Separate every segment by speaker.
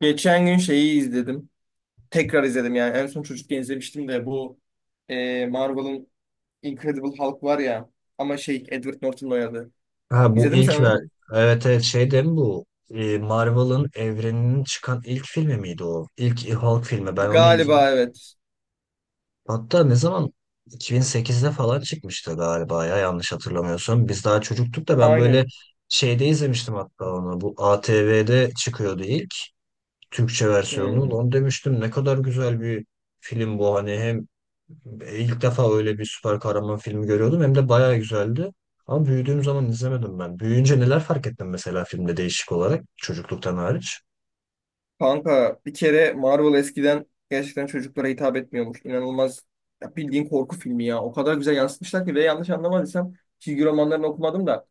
Speaker 1: Geçen gün şeyi izledim. Tekrar izledim yani. En son çocukken izlemiştim de bu Marvel'ın Incredible Hulk var ya. Ama şey Edward Norton oynadı.
Speaker 2: Ha bu
Speaker 1: İzledin mi sen
Speaker 2: ilk ver.
Speaker 1: onu?
Speaker 2: Evet evet, şey değil mi bu? Marvel'ın evreninin çıkan ilk filmi miydi o? İlk Hulk filmi. Ben onu izlemiş.
Speaker 1: Galiba evet.
Speaker 2: Hatta ne zaman? 2008'de falan çıkmıştı galiba ya, yanlış hatırlamıyorsam. Biz daha çocuktuk da ben böyle
Speaker 1: Aynen.
Speaker 2: şeyde izlemiştim hatta onu. Bu ATV'de çıkıyordu ilk Türkçe
Speaker 1: Hı.
Speaker 2: versiyonunu. Onu demiştim, ne kadar güzel bir film bu hani. Hem İlk defa öyle bir süper kahraman filmi görüyordum. Hem de bayağı güzeldi. Ama büyüdüğüm zaman izlemedim ben. Büyüyünce neler fark ettim mesela filmde, değişik olarak çocukluktan hariç.
Speaker 1: Kanka bir kere Marvel eskiden gerçekten çocuklara hitap etmiyormuş. İnanılmaz ya, bildiğin korku filmi ya. O kadar güzel yansıtmışlar ki ve yanlış anlamadıysam çizgi romanlarını okumadım da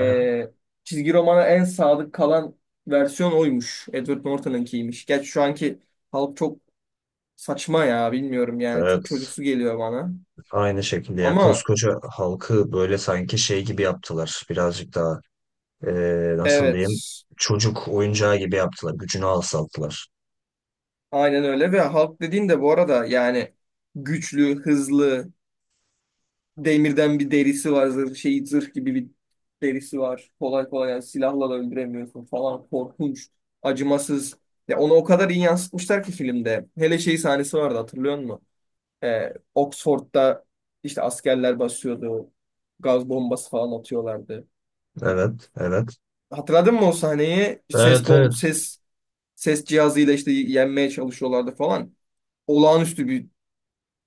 Speaker 2: Aha,
Speaker 1: çizgi romana en sadık kalan versiyon oymuş. Edward Norton'ınkiymiş. Gerçi şu anki halk çok saçma ya, bilmiyorum yani, çok
Speaker 2: evet,
Speaker 1: çocuksu geliyor bana.
Speaker 2: aynı şekilde ya,
Speaker 1: Ama
Speaker 2: koskoca halkı böyle sanki şey gibi yaptılar. Birazcık daha nasıl diyeyim,
Speaker 1: evet,
Speaker 2: çocuk oyuncağı gibi yaptılar. Gücünü alçalttılar.
Speaker 1: aynen öyle. Ve halk dediğin de bu arada yani güçlü, hızlı, demirden bir derisi var. Zırh, şey, zırh gibi bir derisi var. Kolay kolay yani silahla da öldüremiyorsun falan. Korkunç, acımasız. Ya onu o kadar iyi yansıtmışlar ki filmde. Hele şey sahnesi vardı, hatırlıyor musun? Oxford'da işte askerler basıyordu. Gaz bombası falan atıyorlardı.
Speaker 2: Evet evet.
Speaker 1: Hatırladın mı o sahneyi? Ses
Speaker 2: Evet
Speaker 1: bom
Speaker 2: evet.
Speaker 1: ses ses cihazıyla işte yenmeye çalışıyorlardı falan. Olağanüstü bir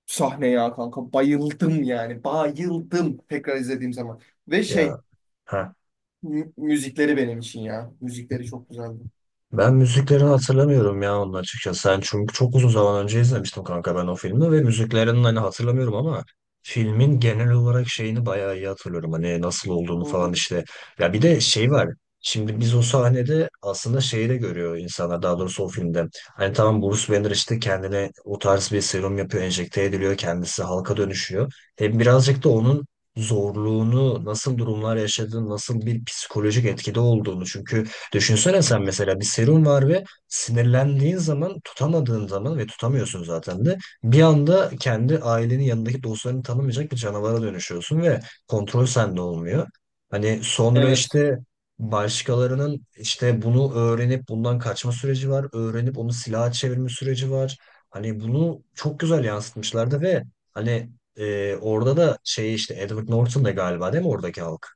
Speaker 1: sahne ya kanka. Bayıldım yani. Bayıldım tekrar izlediğim zaman. Ve şey,
Speaker 2: Ya, ha.
Speaker 1: Müzikleri benim için ya. Müzikleri çok güzeldi.
Speaker 2: Ben müziklerini hatırlamıyorum ya onun açıkçası. Sen, çünkü çok uzun zaman önce izlemiştim kanka ben o filmi ve müziklerini hani hatırlamıyorum ama filmin genel olarak şeyini bayağı iyi hatırlıyorum. Hani nasıl olduğunu
Speaker 1: Hı
Speaker 2: falan
Speaker 1: hı.
Speaker 2: işte. Ya bir de şey var. Şimdi biz o sahnede aslında şeyi de görüyor insanlar, daha doğrusu o filmde. Hani tamam, Bruce Banner işte kendine o tarz bir serum yapıyor, enjekte ediliyor, kendisi halka dönüşüyor. Hem birazcık da onun zorluğunu, nasıl durumlar yaşadığını, nasıl bir psikolojik etkide olduğunu, çünkü düşünsene sen mesela bir serum var ve sinirlendiğin zaman, tutamadığın zaman, ve tutamıyorsun zaten, de bir anda kendi ailenin yanındaki dostlarını tanımayacak bir canavara dönüşüyorsun ve kontrol sende olmuyor. Hani sonra
Speaker 1: Evet.
Speaker 2: işte başkalarının işte bunu öğrenip bundan kaçma süreci var, öğrenip onu silaha çevirme süreci var. Hani bunu çok güzel yansıtmışlardı ve hani orada da şey işte Edward Norton da galiba değil mi oradaki halk?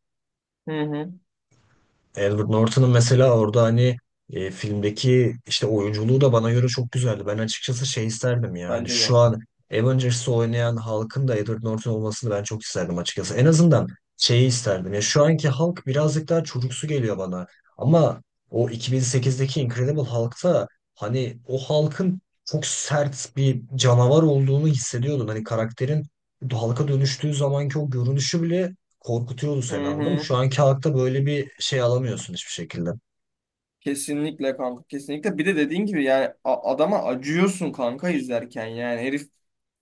Speaker 1: Hı hı.
Speaker 2: Edward Norton'ın mesela orada hani filmdeki işte oyunculuğu da bana göre çok güzeldi. Ben açıkçası şey isterdim ya. Hani
Speaker 1: Bence de.
Speaker 2: şu an Avengers'ı oynayan halkın da Edward Norton olmasını ben çok isterdim açıkçası. En azından şeyi isterdim. Ya şu anki Hulk birazcık daha çocuksu geliyor bana. Ama o 2008'deki Incredible Hulk'ta hani o Hulk'ın çok sert bir canavar olduğunu hissediyordun. Hani karakterin Hulk'a dönüştüğü zamanki o görünüşü bile korkutuyordu
Speaker 1: Hı
Speaker 2: seni, anladın mı?
Speaker 1: hı.
Speaker 2: Şu anki halkta böyle bir şey alamıyorsun hiçbir şekilde.
Speaker 1: Kesinlikle kanka, kesinlikle. Bir de dediğin gibi yani adama acıyorsun kanka izlerken. Yani herif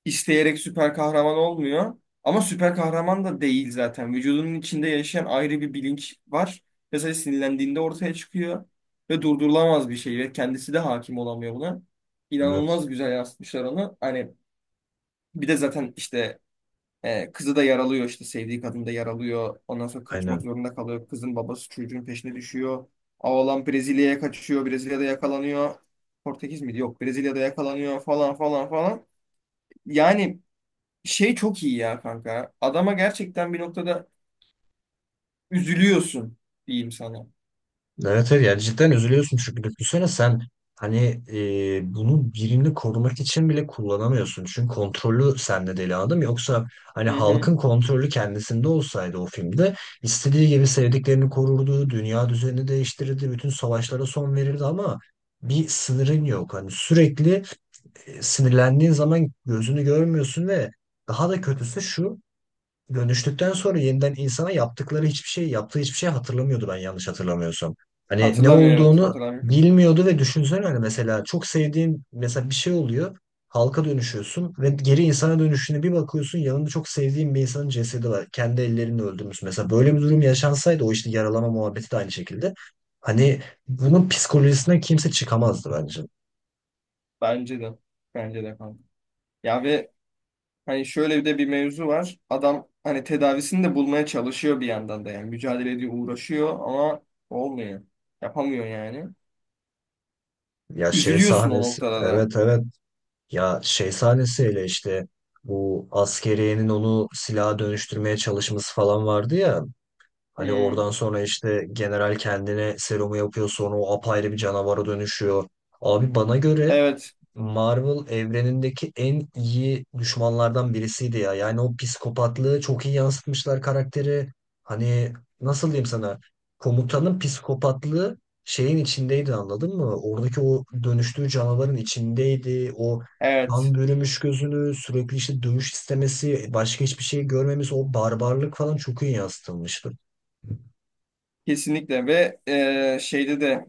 Speaker 1: isteyerek süper kahraman olmuyor. Ama süper kahraman da değil zaten. Vücudunun içinde yaşayan ayrı bir bilinç var. Mesela sinirlendiğinde ortaya çıkıyor ve durdurulamaz bir şey ve kendisi de hakim olamıyor buna.
Speaker 2: Evet.
Speaker 1: İnanılmaz güzel yansıtmışlar onu. Hani bir de zaten işte kızı da yaralıyor, işte sevdiği kadın da yaralıyor. Ondan sonra kaçmak
Speaker 2: Aynen.
Speaker 1: zorunda kalıyor. Kızın babası çocuğun peşine düşüyor. Oğlan Brezilya'ya kaçıyor. Brezilya'da yakalanıyor. Portekiz miydi? Yok. Brezilya'da yakalanıyor falan falan falan. Yani şey çok iyi ya kanka. Adama gerçekten bir noktada üzülüyorsun diyeyim sana.
Speaker 2: Evet, evet, yani cidden üzülüyorsun çünkü düşünsene sen hani bunu birini korumak için bile kullanamıyorsun. Çünkü kontrolü sende deli adam. Yoksa hani
Speaker 1: Hı hı.
Speaker 2: halkın kontrolü kendisinde olsaydı o filmde, istediği gibi sevdiklerini korurdu, dünya düzenini değiştirirdi, bütün savaşlara son verirdi ama bir sınırın yok. Hani sürekli sinirlendiğin zaman gözünü görmüyorsun ve daha da kötüsü şu: dönüştükten sonra yeniden insana yaptıkları hiçbir şey, yaptığı hiçbir şey hatırlamıyordu, ben yanlış hatırlamıyorsam. Hani ne
Speaker 1: Hatırlamıyor, evet
Speaker 2: olduğunu
Speaker 1: hatırlamıyor.
Speaker 2: bilmiyordu ve düşünsene hani mesela çok sevdiğin, mesela bir şey oluyor. Halka dönüşüyorsun ve geri insana dönüşüne bir bakıyorsun, yanında çok sevdiğin bir insanın cesedi var. Kendi ellerinle öldürmüş. Mesela böyle bir durum yaşansaydı, o işte yaralama muhabbeti de aynı şekilde. Hani bunun psikolojisinden kimse çıkamazdı bence.
Speaker 1: Bence de. Bence de kanka. Ya ve hani şöyle bir de bir mevzu var. Adam hani tedavisini de bulmaya çalışıyor bir yandan da yani. Mücadele ediyor, uğraşıyor ama olmuyor. Yapamıyor yani.
Speaker 2: Ya şey
Speaker 1: Üzülüyorsun o
Speaker 2: sahnesi.
Speaker 1: noktada da.
Speaker 2: Evet evet. Ya şey sahnesiyle işte bu askeriyenin onu silaha dönüştürmeye çalışması falan vardı ya. Hani
Speaker 1: Hmm.
Speaker 2: oradan sonra işte general kendine serumu yapıyor, sonra o apayrı bir canavara dönüşüyor. Abi bana göre
Speaker 1: Evet,
Speaker 2: Marvel evrenindeki en iyi düşmanlardan birisiydi ya. Yani o psikopatlığı çok iyi yansıtmışlar karakteri. Hani nasıl diyeyim sana? Komutanın psikopatlığı şeyin içindeydi, anladın mı? Oradaki o dönüştüğü canavarın içindeydi. O
Speaker 1: evet.
Speaker 2: kan bürümüş gözünü, sürekli işte dövüş istemesi, başka hiçbir şey görmemiz, o barbarlık falan çok iyi yansıtılmıştı.
Speaker 1: Kesinlikle. Ve şeyde de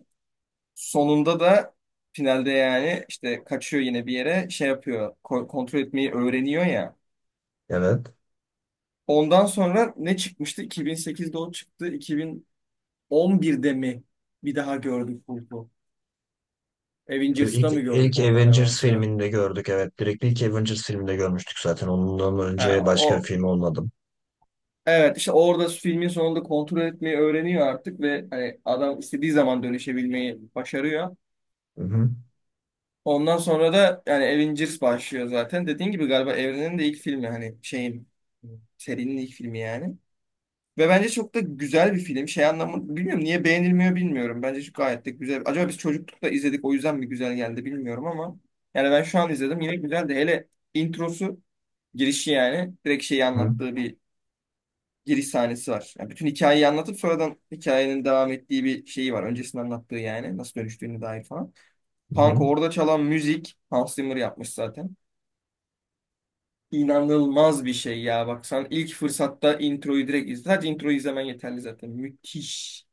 Speaker 1: sonunda da finalde yani işte kaçıyor yine bir yere, şey yapıyor, kontrol etmeyi öğreniyor ya.
Speaker 2: Evet.
Speaker 1: Ondan sonra ne çıkmıştı? 2008'de o çıktı. 2011'de mi bir daha gördük Hulk'u?
Speaker 2: E,
Speaker 1: Avengers'da
Speaker 2: İlk,
Speaker 1: mı gördük
Speaker 2: ilk
Speaker 1: ondan hemen
Speaker 2: Avengers
Speaker 1: sonra?
Speaker 2: filminde gördük, evet. Direkt ilk Avengers filminde görmüştük zaten. Ondan
Speaker 1: Ha,
Speaker 2: önce başka bir
Speaker 1: o
Speaker 2: film olmadım.
Speaker 1: evet, işte orada filmin sonunda kontrol etmeyi öğreniyor artık ve hani adam istediği zaman dönüşebilmeyi başarıyor.
Speaker 2: Hı hı.
Speaker 1: Ondan sonra da yani Avengers başlıyor zaten. Dediğin gibi galiba evrenin de ilk filmi, hani şeyin, serinin ilk filmi yani. Ve bence çok da güzel bir film. Şey, anlamı bilmiyorum, niye beğenilmiyor bilmiyorum. Bence şu gayet de güzel. Acaba biz çocuklukta izledik o yüzden mi güzel geldi bilmiyorum, ama yani ben şu an izledim, yine güzeldi. Hele introsu, girişi yani, direkt şeyi
Speaker 2: Hı
Speaker 1: anlattığı bir giriş sahnesi var. Yani bütün hikayeyi anlatıp sonradan hikayenin devam ettiği bir şeyi var. Öncesinde anlattığı yani nasıl dönüştüğüne dair falan. Punk
Speaker 2: hı.
Speaker 1: orada çalan müzik Hans Zimmer yapmış zaten. İnanılmaz bir şey ya. Bak sen ilk fırsatta introyu direkt izle. Sadece introyu izlemen yeterli zaten. Müthiş.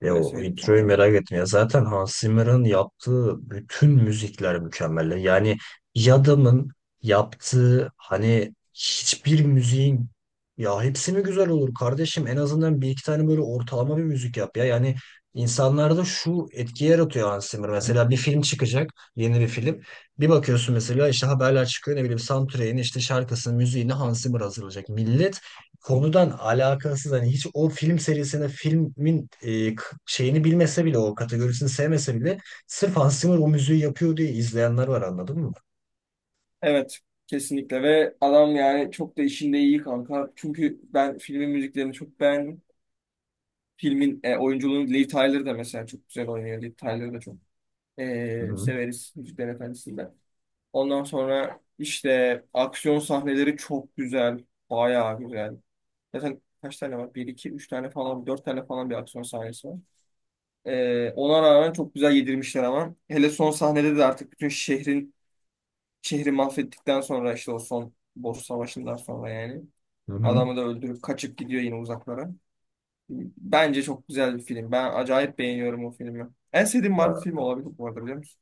Speaker 2: Ya
Speaker 1: Öyle
Speaker 2: o
Speaker 1: söyleyeyim sana
Speaker 2: introyu
Speaker 1: yani.
Speaker 2: merak ettim. Ya zaten Hans Zimmer'ın yaptığı bütün müzikler mükemmel. Yani bir adamın yaptığı hani hiçbir müziğin, ya hepsi mi güzel olur kardeşim? En azından bir iki tane böyle ortalama bir müzik yap ya. Yani insanlarda şu etki yaratıyor Hans Zimmer. Mesela bir film çıkacak, yeni bir film. Bir bakıyorsun mesela işte haberler çıkıyor, ne bileyim, soundtrack'in işte şarkısının müziğini Hans Zimmer hazırlayacak. Millet konudan alakasız, hani hiç o film serisini, filmin şeyini bilmese bile, o kategorisini sevmese bile sırf Hans Zimmer o müziği yapıyor diye izleyenler var, anladın mı?
Speaker 1: Evet. Kesinlikle. Ve adam yani çok da işinde iyi kanka. Çünkü ben filmin müziklerini çok beğendim. Filmin oyunculuğunu Liv Tyler da mesela çok güzel oynuyor. Liv Tyler'ı da çok
Speaker 2: Hı hı.
Speaker 1: severiz Müzikler Efendisi'nde. Ondan sonra işte aksiyon sahneleri çok güzel. Bayağı güzel. Zaten kaç tane var? Bir, iki, üç tane falan, dört tane falan bir aksiyon sahnesi var. Ona rağmen çok güzel yedirmişler ama. Hele son sahnede de artık bütün şehrin, şehri mahvettikten sonra işte, o son boss savaşından sonra yani.
Speaker 2: Hı hı.
Speaker 1: Adamı da öldürüp kaçıp gidiyor yine uzaklara. Bence çok güzel bir film. Ben acayip beğeniyorum o filmi. En sevdiğim
Speaker 2: Ya,
Speaker 1: Marvel filmi olabilir bu arada, biliyor musun?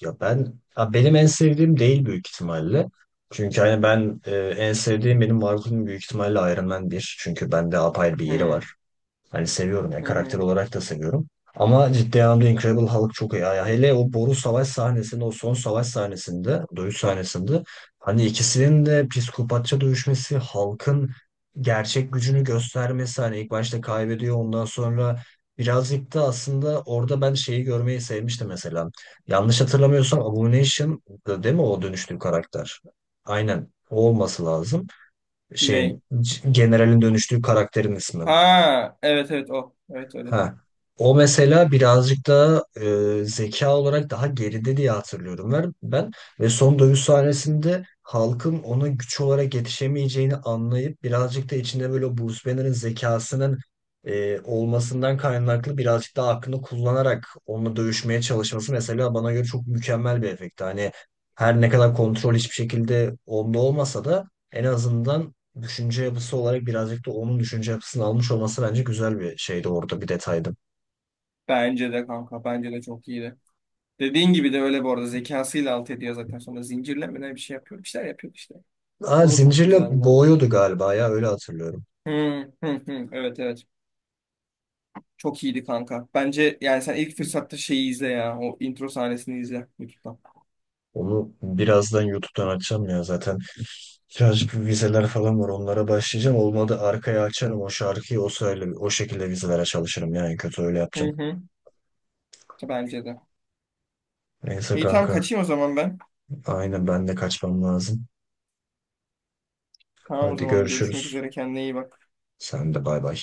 Speaker 2: ya ben, ya benim en sevdiğim değil büyük ihtimalle. Çünkü hani ben en sevdiğim, benim Marvel'ın büyük ihtimalle Iron Man 1. Çünkü bende apayrı bir yeri
Speaker 1: Hmm.
Speaker 2: var. Hani seviyorum yani,
Speaker 1: Hı
Speaker 2: karakter
Speaker 1: hı.
Speaker 2: olarak da seviyorum. Ama ciddi anlamda Incredible Hulk çok iyi. Yani hele o boru savaş sahnesinde, o son savaş sahnesinde, dövüş sahnesinde hani ikisinin de psikopatça dövüşmesi, Hulk'ın gerçek gücünü göstermesi, hani ilk başta kaybediyor ondan sonra birazcık da, aslında orada ben şeyi görmeyi sevmiştim mesela. Yanlış hatırlamıyorsam Abomination değil mi o dönüştüğü karakter? Aynen. O olması lazım. Şeyin,
Speaker 1: Ney?
Speaker 2: generalin dönüştüğü karakterin ismi.
Speaker 1: Ha, evet evet, o. Evet öyle.
Speaker 2: Ha. O mesela birazcık daha zeka olarak daha geride diye hatırlıyorum ben. Ve son dövüş sahnesinde halkın ona güç olarak yetişemeyeceğini anlayıp birazcık da içinde böyle o Bruce Banner'ın zekasının olmasından kaynaklı birazcık daha aklını kullanarak onunla dövüşmeye çalışması, mesela bana göre çok mükemmel bir efekti. Hani her ne kadar kontrol hiçbir şekilde onda olmasa da en azından düşünce yapısı olarak birazcık da onun düşünce yapısını almış olması bence güzel bir şeydi orada, bir detaydı.
Speaker 1: Bence de kanka, bence de çok iyiydi. Dediğin gibi de öyle bu arada, zekasıyla alt ediyor zaten, sonra zincirlemeden bir şey yapıyor. Bir şeyler yapıyor işte.
Speaker 2: Aa,
Speaker 1: O da çok
Speaker 2: zincirle
Speaker 1: güzeldi.
Speaker 2: boğuyordu galiba ya, öyle hatırlıyorum.
Speaker 1: Hı, hı, hı. Evet evet. Çok iyiydi kanka. Bence yani sen ilk fırsatta şeyi izle ya. O intro sahnesini izle YouTube'dan.
Speaker 2: Onu birazdan YouTube'dan açacağım ya zaten. Birazcık bir vizeler falan var, onlara başlayacağım. Olmadı arkaya açarım o şarkıyı, o sırayla o şekilde vizelere çalışırım, yani kötü öyle
Speaker 1: Hı
Speaker 2: yapacağım.
Speaker 1: hı. Bence de.
Speaker 2: Neyse
Speaker 1: İyi, tamam,
Speaker 2: kanka.
Speaker 1: kaçayım o zaman ben.
Speaker 2: Aynen, ben de kaçmam lazım.
Speaker 1: Tamam, o
Speaker 2: Hadi
Speaker 1: zaman görüşmek
Speaker 2: görüşürüz.
Speaker 1: üzere, kendine iyi bak.
Speaker 2: Sen de bay bay.